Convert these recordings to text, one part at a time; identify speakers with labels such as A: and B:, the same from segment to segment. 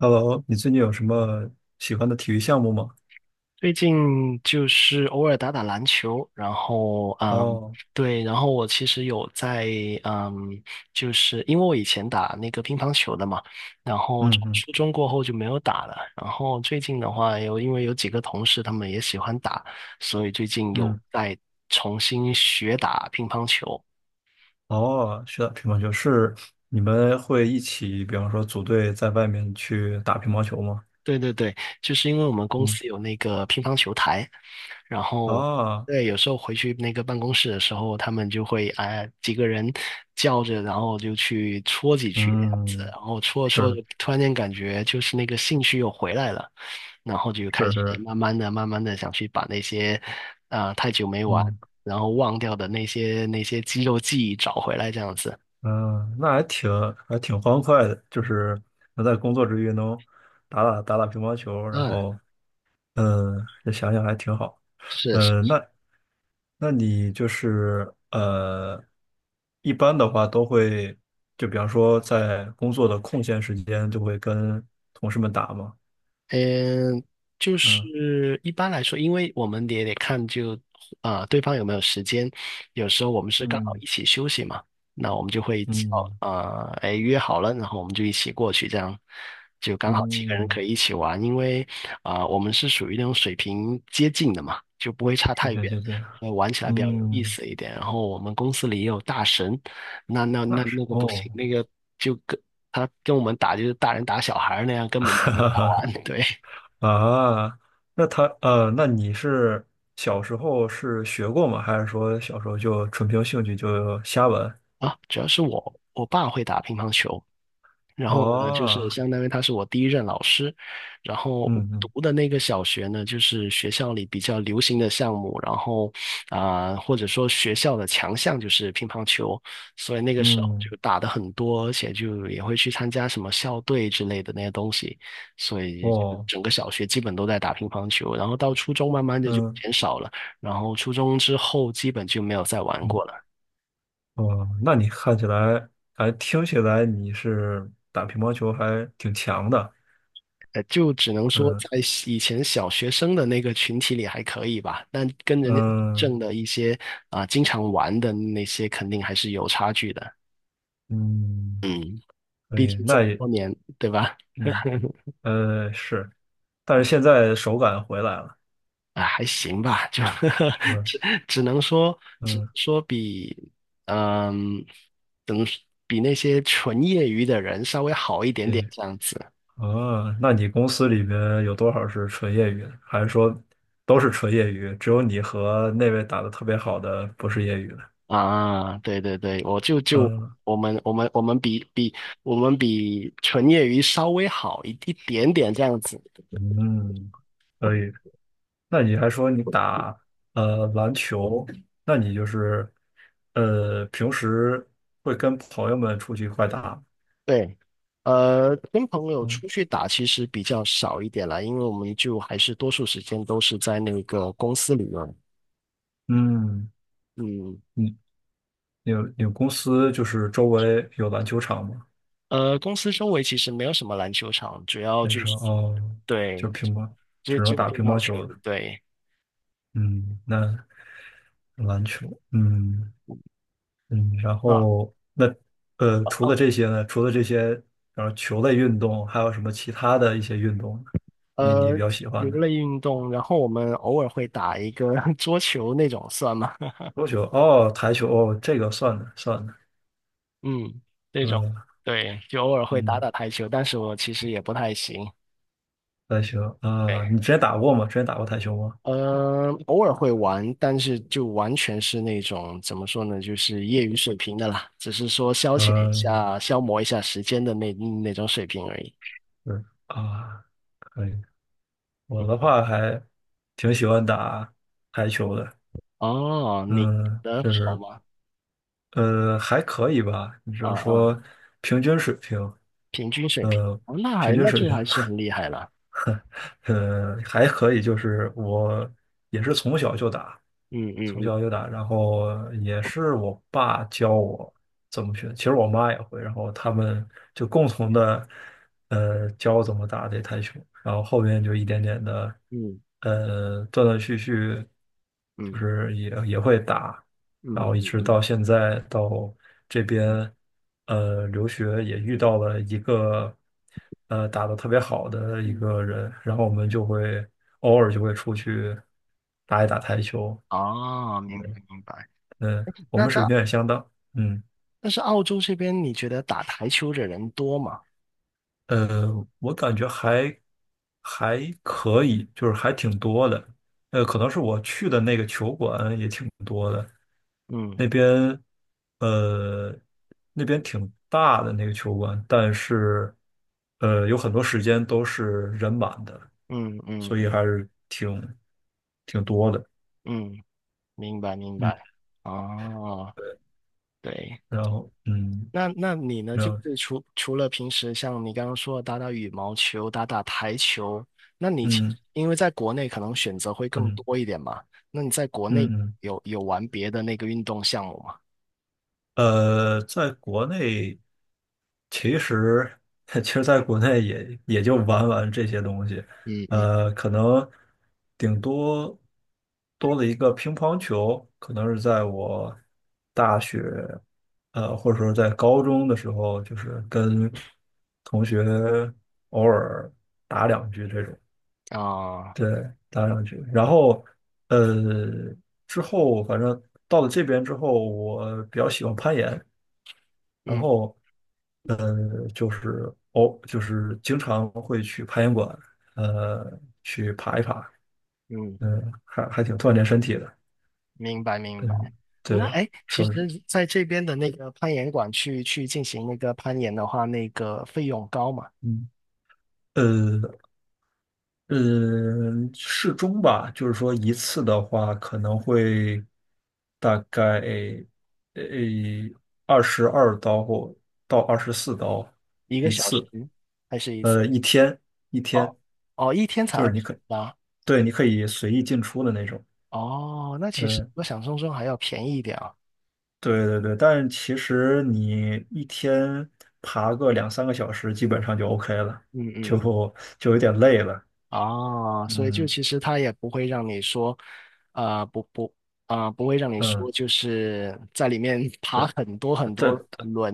A: Hello，你最近有什么喜欢的体育项目吗？
B: 最近就是偶尔打打篮球，然后
A: 哦，
B: 对，然后我其实有在嗯，就是因为我以前打那个乒乓球的嘛，然后
A: 嗯
B: 从
A: 嗯
B: 初中过后就没有打了，然后最近的话有因为有几个同事他们也喜欢打，所以最近有
A: 嗯，
B: 在重新学打乒乓球。
A: 哦，学打乒乓球是你们会一起，比方说组队在外面去打乒乓球吗？
B: 对对对，就是因为我们公
A: 嗯，
B: 司有那个乒乓球台。然后
A: 啊，
B: 对，有时候回去那个办公室的时候，他们就会哎几个人叫着，然后就去戳几句那样子，
A: 嗯，
B: 然后戳着戳着，
A: 是
B: 突然间感觉就是那个兴趣又回来了，然后就开
A: 是
B: 始
A: 是，
B: 慢慢的、慢慢的想去把那些太久没玩，
A: 嗯
B: 然后忘掉的那些肌肉记忆找回来这样子。
A: 嗯，那还挺欢快的，就是能在工作之余能打打乒乓球，然
B: 嗯，
A: 后嗯，这想想还挺好。
B: 是。
A: 嗯，那你就是一般的话都会，就比方说在工作的空闲时间，就会跟同事们打嘛。
B: 嗯，就
A: 嗯
B: 是一般来说，因为我们也得看就对方有没有时间，有时候我们是刚好
A: 嗯
B: 一起休息嘛，那我们就会
A: 嗯
B: 哎约好了，然后我们就一起过去，这样就刚好几个人可
A: 嗯，
B: 以一起玩，因为我们是属于那种水平接近的嘛，就不会差
A: 是
B: 太
A: 这样
B: 远。
A: 是这样。
B: 玩起来比较有意
A: 嗯，
B: 思一点，然后我们公司里也有大神，那
A: 那是
B: 那个不行，
A: 哦，
B: 那个就跟他跟我们打就是大人打小孩儿那样，根 本没
A: 哈
B: 法
A: 哈
B: 玩，对。
A: 哈啊，那你是小时候是学过吗？还是说小时候就纯凭兴趣就瞎玩？
B: 啊，主要是我爸会打乒乓球，然后呢，就是
A: 哦，
B: 相当于他是我第一任老师，然后我
A: 嗯嗯。
B: 读的那个小学呢，就是学校里比较流行的项目，然后或者说学校的强项就是乒乓球，所以那个时候
A: 嗯，
B: 就打的很多，而且就也会去参加什么校队之类的那些东西，所以就
A: 哦，
B: 整个小学基本都在打乒乓球，然后到初中慢慢的就
A: 嗯，
B: 减少了，然后初中之后基本就没有再玩
A: 嗯，
B: 过了。
A: 哦，那你看起来，还听起来你是打乒乓球还挺强的，
B: 呃，就只能说
A: 嗯
B: 在以前小学生的那个群体里还可以吧，但跟人家
A: 嗯
B: 正的一些经常玩的那些肯定还是有差距的。
A: 嗯，
B: 嗯，
A: 可
B: 毕
A: 以，
B: 竟这
A: 那
B: 么
A: 也，
B: 多年，对吧？
A: 嗯是，但是现在手感回来了，
B: 啊，还行吧，就
A: 是 吧？
B: 只只能说，只
A: 嗯，
B: 说比嗯，怎么说比那些纯业余的人稍微好一点点
A: 对，
B: 这样子。
A: 哦，那你公司里边有多少是纯业余的？还是说都是纯业余？只有你和那位打的特别好的不是业余的？
B: 啊，对对对，我
A: 嗯
B: 我们比我们比纯业余稍微好一点点这样子。
A: 嗯。可以，那你还说你打篮球，那你就是平时会跟朋友们出去一块打？
B: 对，呃，跟朋友
A: 嗯
B: 出去打其实比较少一点了，因为我们就还是多数时间都是在那个公司里面。
A: 嗯，
B: 嗯，
A: 你你有公司就是周围有篮球场吗？
B: 呃，公司周围其实没有什么篮球场，主要
A: 那
B: 就
A: 时
B: 是
A: 候哦，
B: 对，
A: 就乒乓，
B: 只
A: 只能
B: 只有
A: 打
B: 乒
A: 乒
B: 乓
A: 乓球了。
B: 球，对。
A: 嗯，那篮球，嗯嗯，然
B: 啊。
A: 后那除
B: 哦
A: 了这些呢？除了这些，然后球类运动，还有什么其他的一些运动，你
B: 呃，
A: 比较喜
B: 球
A: 欢的？
B: 类运动，然后我们偶尔会打一个 桌球那种，算吗？
A: 桌球哦，台球哦，这个算的算的，
B: 嗯，这种，
A: 呃，
B: 对，就偶尔会打
A: 嗯，
B: 打台球，但是我其实也不太行。
A: 台球啊，
B: 对，
A: 你之前打过吗？之前打过台球吗？
B: 呃，偶尔会玩，但是就完全是那种怎么说呢，就是业余水平的啦，只是说消遣一
A: 嗯，
B: 下、消磨一下时间的那种水平而已。
A: 是啊，可以。我的话还挺喜欢打台球的，
B: 哦，你
A: 嗯，
B: 的
A: 就
B: 好
A: 是
B: 吗？
A: 还可以吧，你只
B: 啊
A: 能
B: 啊，
A: 说平均水平，
B: 平均水平，
A: 呃，
B: 哦，那
A: 平
B: 还
A: 均
B: 那
A: 水
B: 就
A: 平。
B: 还是很厉害了。
A: 还可以，就是我也是从小就打，
B: 嗯
A: 从
B: 嗯
A: 小就打，然后也是我爸教我怎么学，其实我妈也会，然后他们就共同的教我怎么打这台球，然后后面就一点点的
B: 嗯
A: 断断续续，就
B: 嗯
A: 是也会打，
B: 嗯
A: 然
B: 嗯
A: 后一
B: 嗯
A: 直
B: 嗯
A: 到现在到这
B: 嗯，
A: 边，留学也遇到了一个，打得特别好的
B: 嗯
A: 一
B: 嗯
A: 个人，然后我们就会偶尔就会出去打一打台球，
B: 哦，明白明白。
A: 嗯，我
B: 那
A: 们水
B: 在
A: 平也相当，嗯。
B: 但是澳洲这边，你觉得打台球的人多吗？
A: 我感觉还可以，就是还挺多的。可能是我去的那个球馆也挺多的，
B: 嗯
A: 那边呃那边挺大的那个球馆，但是有很多时间都是人满的，
B: 嗯嗯
A: 所以还是挺多的。
B: 嗯，明白明
A: 嗯，
B: 白。哦，对，
A: 然后嗯，
B: 那那你呢？
A: 然
B: 就
A: 后
B: 是除除了平时像你刚刚说的打打羽毛球、打打台球，那你其
A: 嗯
B: 因为在国内可能选择会更
A: 嗯
B: 多一点嘛？那你在国
A: 嗯
B: 内
A: 嗯嗯。
B: 有有玩别的那个运动项目吗？
A: 在国内，其实 其实在国内也就玩玩这些东西，
B: 嗯嗯
A: 可能顶多多了一个乒乓球，可能是在我大学，或者说在高中的时候，就是跟同学偶尔打两局这种，
B: 啊，
A: 对，打两局，然后呃，之后反正到了这边之后，我比较喜欢攀岩。然
B: 嗯
A: 后就是经常会去攀岩馆，去爬一爬，
B: 嗯
A: 嗯，还挺锻炼身体的，
B: 明白明白。
A: 嗯，
B: 那
A: 对，
B: 哎，诶其
A: 说是，
B: 实在这边的那个攀岩馆去去进行那个攀岩的话，那个费用高嘛？
A: 嗯，呃，嗯，适中吧，就是说一次的话可能会大概呃22刀或到24刀
B: 一个
A: 一
B: 小
A: 次，
B: 时还是一次？
A: 一天一
B: 哦
A: 天，
B: 哦，一天才
A: 就是
B: 二
A: 你
B: 十
A: 可，
B: 八。
A: 对，你可以随意进出的那种，
B: 哦，那其实
A: 对。
B: 我想象中还要便宜一点啊。
A: 对对对，但其实你一天爬个两三个小时，基本上就 OK 了，
B: 嗯
A: 就
B: 嗯嗯。
A: 就有点累了。
B: 哦，所以就
A: 嗯
B: 其实他也不会让你说，呃，不不，不会让你
A: 嗯，
B: 说就是在里面
A: 对
B: 爬很多很
A: 对
B: 多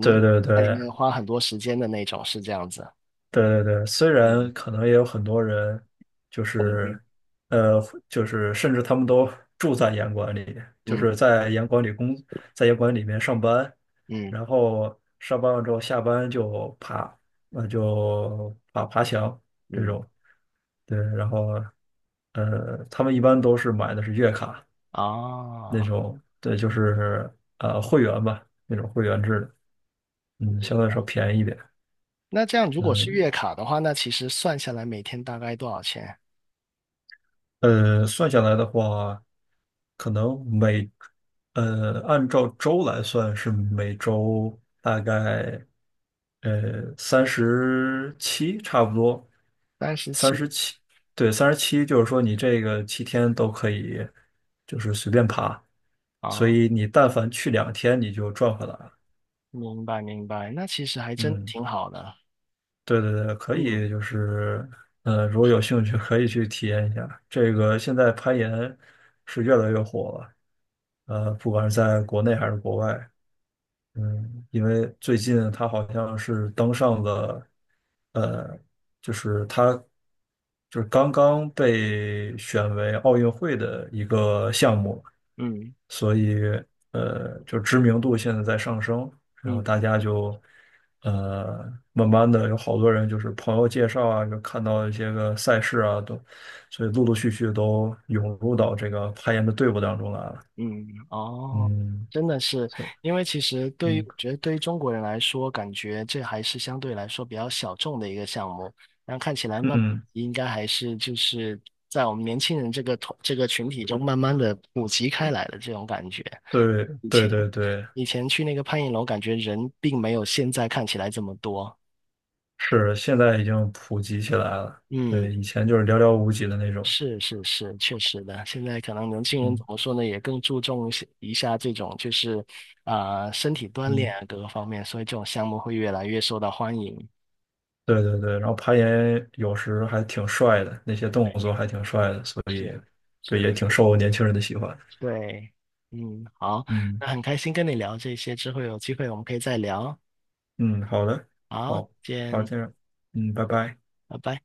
A: 对对
B: 在里
A: 对，
B: 面花很多时间的那种，是这样子。
A: 对对对，虽
B: 嗯
A: 然可能也有很多人，就是，呃，就是甚至他们都住在严管里，就
B: 嗯
A: 是在严管里工，在严管里面上班，
B: 嗯
A: 然后上班了之后下班就爬，那就爬爬墙这
B: 嗯。
A: 种，对，然后，他们一般都是买的是月卡那
B: 啊，
A: 种，对，就是会员吧，那种会员制的，嗯，相对来说便宜一点，
B: 那这样如果是
A: 嗯。
B: 月卡的话，那其实算下来每天大概多少钱？
A: 算下来的话，可能每，呃，按照周来算是每周大概，三十七差不多，
B: 三十
A: 三十
B: 七
A: 七，对，三十七，就是说你这个7天都可以，就是随便爬，所
B: 啊，
A: 以你但凡去2天，你就赚回来了。
B: 明白明白，那其实还真
A: 嗯。
B: 挺好的。
A: 对对对，可以，
B: 嗯
A: 就是，如果有兴趣，可以去体验一下。这个现在攀岩是越来越火了，不管是在国内还是国外，嗯，因为最近他好像是登上了，呃，就是他就是刚刚被选为奥运会的一个项目，
B: 嗯
A: 所以就知名度现在在上升，然后
B: 嗯
A: 大家就呃，慢慢的有好多人就是朋友介绍啊，就看到一些个赛事啊，所以陆陆续续都涌入到这个攀岩的队伍当中来了。
B: 嗯，哦，
A: 嗯，
B: 真的是，
A: 所以
B: 因为其实对于
A: 嗯
B: 我觉得对于中国人来说，感觉这还是相对来说比较小众的一个项目，但看起来慢
A: 嗯。
B: 应该还是就是在我们年轻人这个团这个群体中慢慢的普及开来的这种感觉。
A: 对
B: 以
A: 对
B: 前
A: 对对，
B: 以前去那个攀岩楼，感觉人并没有现在看起来这么多。
A: 是现在已经普及起来了。
B: 嗯，
A: 对，以前就是寥寥无几的那种。
B: 是是是，确实的。现在可能年轻人怎
A: 嗯
B: 么说呢，也更注重一些一下这种就是身体锻炼
A: 嗯，
B: 啊各个方面，所以这种项目会越来越受到欢迎。嗯，
A: 对对对。然后攀岩有时还挺帅的，那些动
B: 对，
A: 作还挺帅的，所
B: 是
A: 以对
B: 是
A: 也挺
B: 是，
A: 受年轻人的喜欢。
B: 对，嗯，好，
A: 嗯
B: 那很开心跟你聊这些，之后有机会我们可以再聊。
A: 嗯，好的，
B: 好，
A: 好，好，
B: 见，
A: 这样，嗯，拜拜。
B: 拜拜。